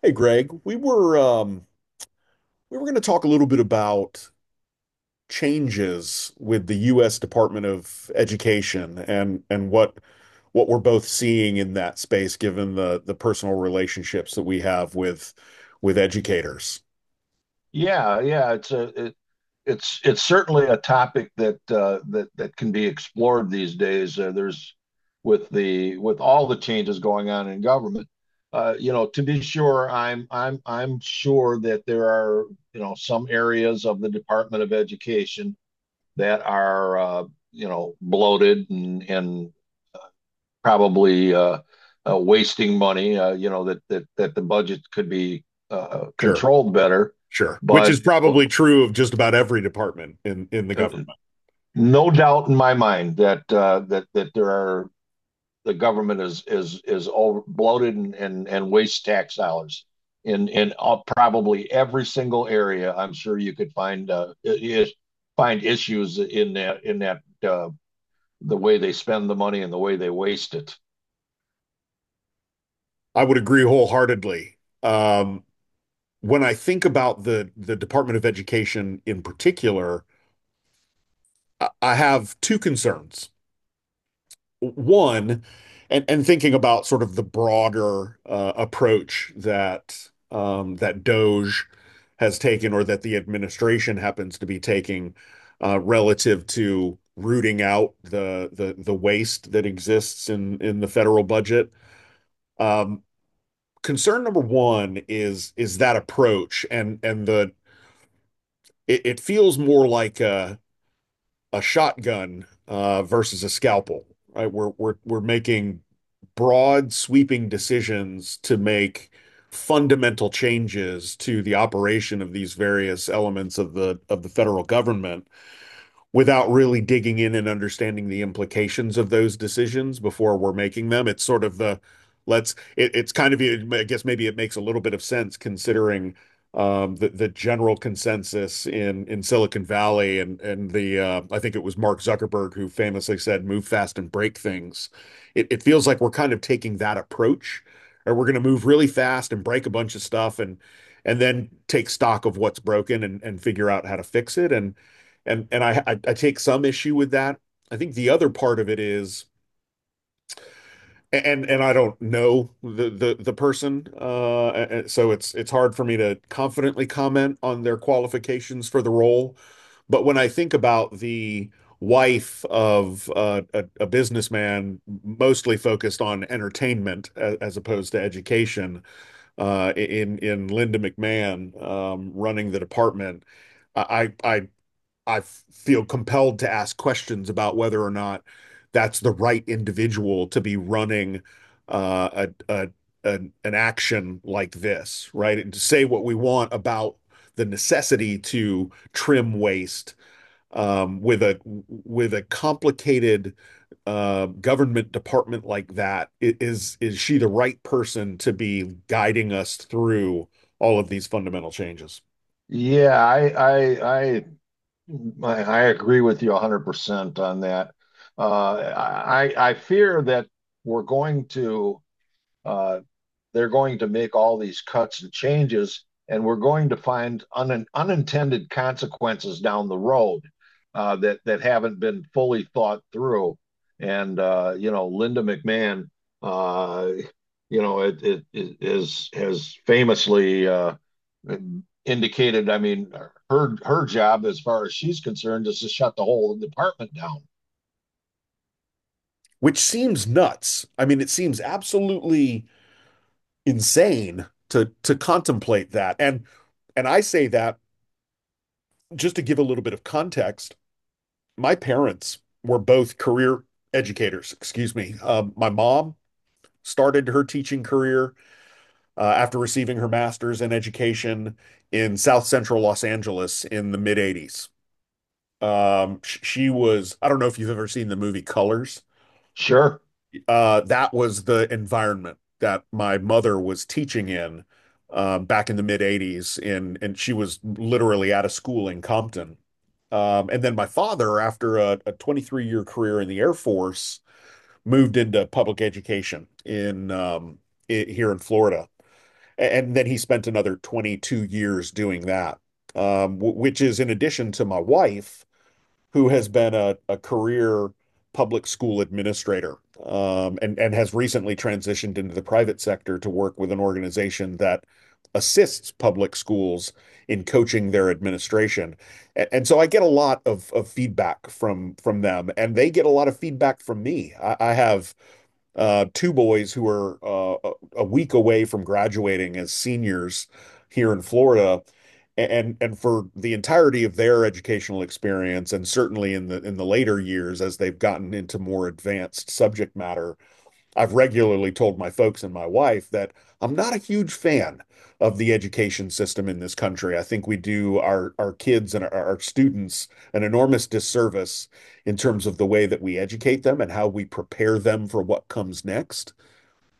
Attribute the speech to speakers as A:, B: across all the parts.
A: Hey Greg, we were we were going to talk a little bit about changes with the U.S. Department of Education and what we're both seeing in that space, given the personal relationships that we have with educators.
B: Yeah, yeah, it's certainly a topic that that can be explored these days. There's with the with all the changes going on in government. To be sure, I'm sure that there are some areas of the Department of Education that are bloated and probably wasting money. That that the budget could be
A: Sure,
B: controlled better,
A: sure. Which is
B: but
A: probably true of just about every department in the government.
B: no doubt in my mind that that there are the government is over bloated and wastes tax dollars in probably every single area. I'm sure you could find find issues in that the way they spend the money and the way they waste it.
A: I would agree wholeheartedly. Um, when I think about the Department of Education in particular, I have two concerns. One, and thinking about sort of the broader approach that that DOGE has taken or that the administration happens to be taking relative to rooting out the the waste that exists in the federal budget. Um, Concern number one is that approach, and the it feels more like a shotgun versus a scalpel, right? We're making broad, sweeping decisions to make fundamental changes to the operation of these various elements of the federal government without really digging in and understanding the implications of those decisions before we're making them. It's sort of the, let's. It, it's kind of, I guess maybe it makes a little bit of sense considering the general consensus in Silicon Valley and and I think it was Mark Zuckerberg who famously said, "Move fast and break things." It feels like we're kind of taking that approach, or we're going to move really fast and break a bunch of stuff and then take stock of what's broken and figure out how to fix it. And I take some issue with that. I think the other part of it is, and I don't know the the person, so it's hard for me to confidently comment on their qualifications for the role. But when I think about the wife of a businessman, mostly focused on entertainment as opposed to education, in Linda McMahon running the department. I I I feel compelled to ask questions about whether or not that's the right individual to be running uh, a, a, a, an action like this, right? And to say what we want about the necessity to trim waste with a complicated government department like that, is is—is she the right person to be guiding us through all of these fundamental changes?
B: Yeah, I agree with you 100% on that. I fear that we're going to uh, they're going to make all these cuts and changes, and we're going to find unintended consequences down the road that haven't been fully thought through. And Linda McMahon, uh, it is has famously indicated. I mean, her job, as far as she's concerned, is to shut the whole department down.
A: Which seems nuts. I mean, it seems absolutely insane to contemplate that. And I say that just to give a little bit of context. My parents were both career educators, excuse me. My mom started her teaching career after receiving her master's in education in South Central Los Angeles in the mid 80s. She was, I don't know if you've ever seen the movie Colors.
B: Sure,
A: That was the environment that my mother was teaching in back in the mid 80s in and she was literally at a school in Compton. And then my father, after a 23-year year career in the Air Force, moved into public education in I here in Florida. And then he spent another 22 years doing that, which is in addition to my wife who has been a career public school administrator and has recently transitioned into the private sector to work with an organization that assists public schools in coaching their administration. And so I get a lot of feedback from them, and they get a lot of feedback from me. I have two boys who are a week away from graduating as seniors here in Florida. And for the entirety of their educational experience, and certainly in the later years as they've gotten into more advanced subject matter, I've regularly told my folks and my wife that I'm not a huge fan of the education system in this country. I think we do our kids and our students an enormous disservice in terms of the way that we educate them and how we prepare them for what comes next.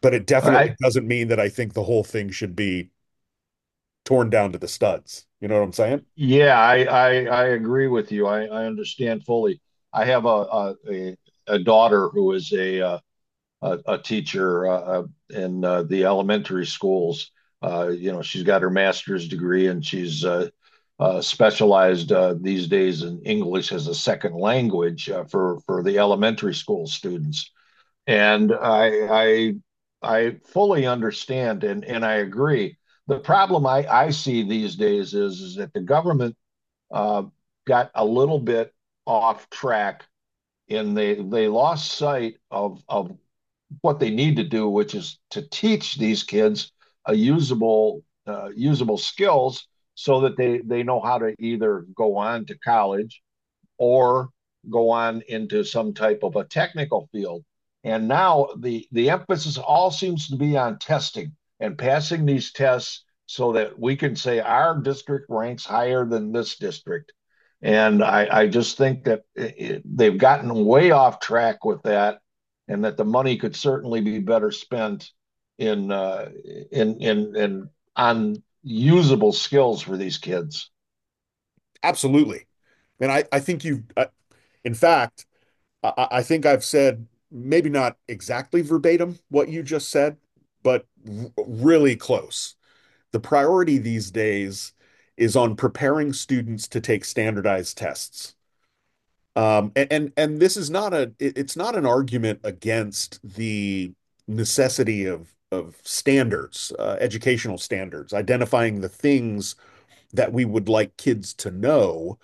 A: But it definitely
B: I
A: doesn't mean that I think the whole thing should be torn down to the studs. You know what I'm saying?
B: Yeah, I agree with you. I understand fully. I have a daughter who is a teacher in the elementary schools. She's got her master's degree and she's specialized these days in English as a second language for the elementary school students. And I fully understand and I agree. The problem I see these days is that the government uh, got a little bit off track and they lost sight of what they need to do, which is to teach these kids a usable usable skills so that they know how to either go on to college or go on into some type of a technical field. And now the emphasis all seems to be on testing and passing these tests so that we can say our district ranks higher than this district. And I just think that they've gotten way off track with that, and that the money could certainly be better spent in in on usable skills for these kids.
A: Absolutely. And I think you, I, in fact, I think I've said maybe not exactly verbatim what you just said, but really close. The priority these days is on preparing students to take standardized tests. And this is not a it's not an argument against the necessity of standards, educational standards, identifying the things that we would like kids to know,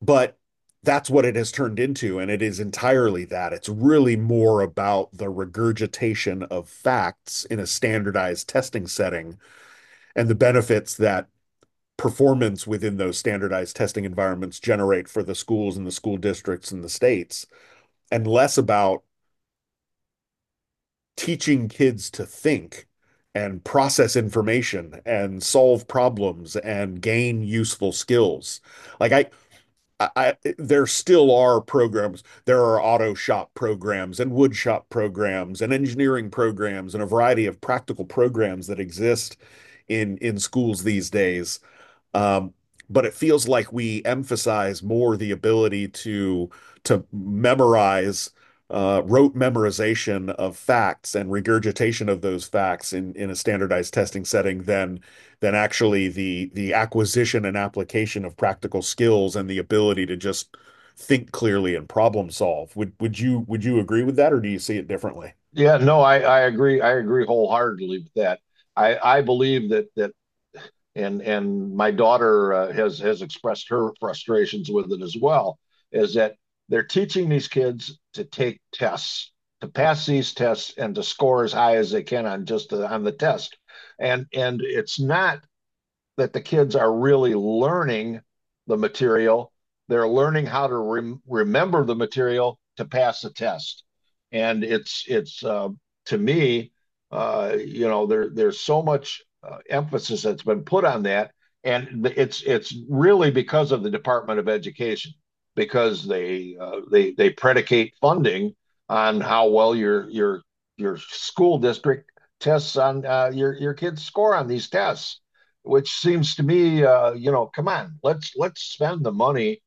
A: but that's what it has turned into, and it is entirely that. It's really more about the regurgitation of facts in a standardized testing setting and the benefits that performance within those standardized testing environments generate for the schools and the school districts and the states, and less about teaching kids to think and process information and solve problems and gain useful skills. Like I there still are programs. There are auto shop programs and wood shop programs and engineering programs and a variety of practical programs that exist in schools these days. Um, But it feels like we emphasize more the ability to memorize, rote memorization of facts and regurgitation of those facts in a standardized testing setting than actually the acquisition and application of practical skills and the ability to just think clearly and problem solve. Would you agree with that, or do you see it differently?
B: Yeah, no, I agree. I agree wholeheartedly with that. I believe that that and my daughter has expressed her frustrations with it as well, is that they're teaching these kids to take tests, to pass these tests and to score as high as they can on on the test. And it's not that the kids are really learning the material. They're learning how to remember the material to pass the test. And it's to me, there there's so much emphasis that's been put on that, and it's really because of the Department of Education because they predicate funding on how well your school district tests on your kids score on these tests which seems to me, come on, let's spend the money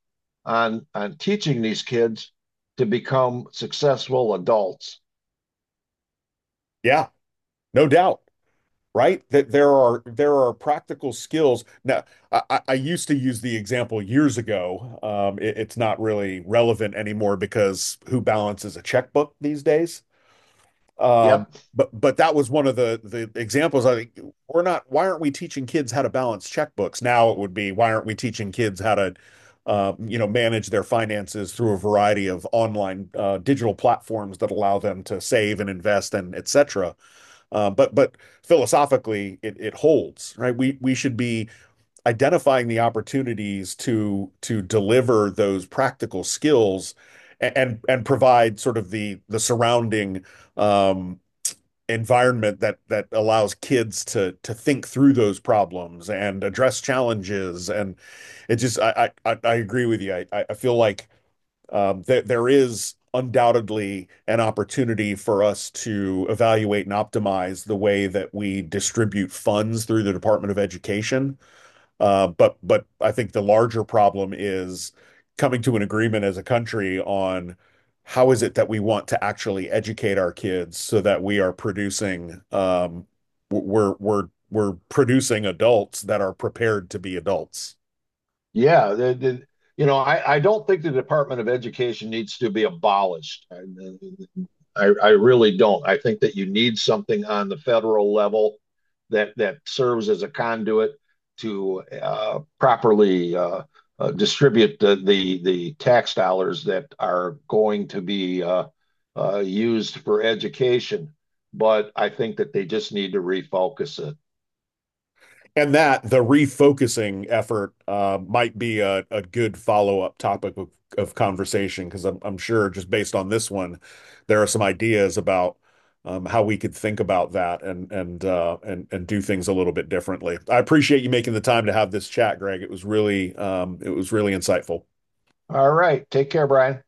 B: on teaching these kids to become successful adults.
A: Yeah, no doubt. Right? That there are practical skills. Now, I used to use the example years ago. It's not really relevant anymore because who balances a checkbook these days? Um,
B: Yep.
A: but that was one of the examples. I think we're not. Why aren't we teaching kids how to balance checkbooks? Now it would be, why aren't we teaching kids how to you know, manage their finances through a variety of online digital platforms that allow them to save and invest and et cetera. But philosophically, it holds, right? We should be identifying the opportunities to deliver those practical skills and and provide sort of the surrounding um, environment that that allows kids to think through those problems and address challenges. And it just, I agree with you. I feel like th there is undoubtedly an opportunity for us to evaluate and optimize the way that we distribute funds through the Department of Education. But I think the larger problem is coming to an agreement as a country on how is it that we want to actually educate our kids so that we we are producing adults that are prepared to be adults.
B: Yeah, I don't think the Department of Education needs to be abolished. I really don't. I think that you need something on the federal level that that serves as a conduit to properly distribute the tax dollars that are going to be used for education. But I think that they just need to refocus it.
A: And that the refocusing effort might be a good follow-up topic of conversation because I'm sure just based on this one, there are some ideas about how we could think about that and and do things a little bit differently. I appreciate you making the time to have this chat, Greg. It was really insightful.
B: All right, take care, Brian.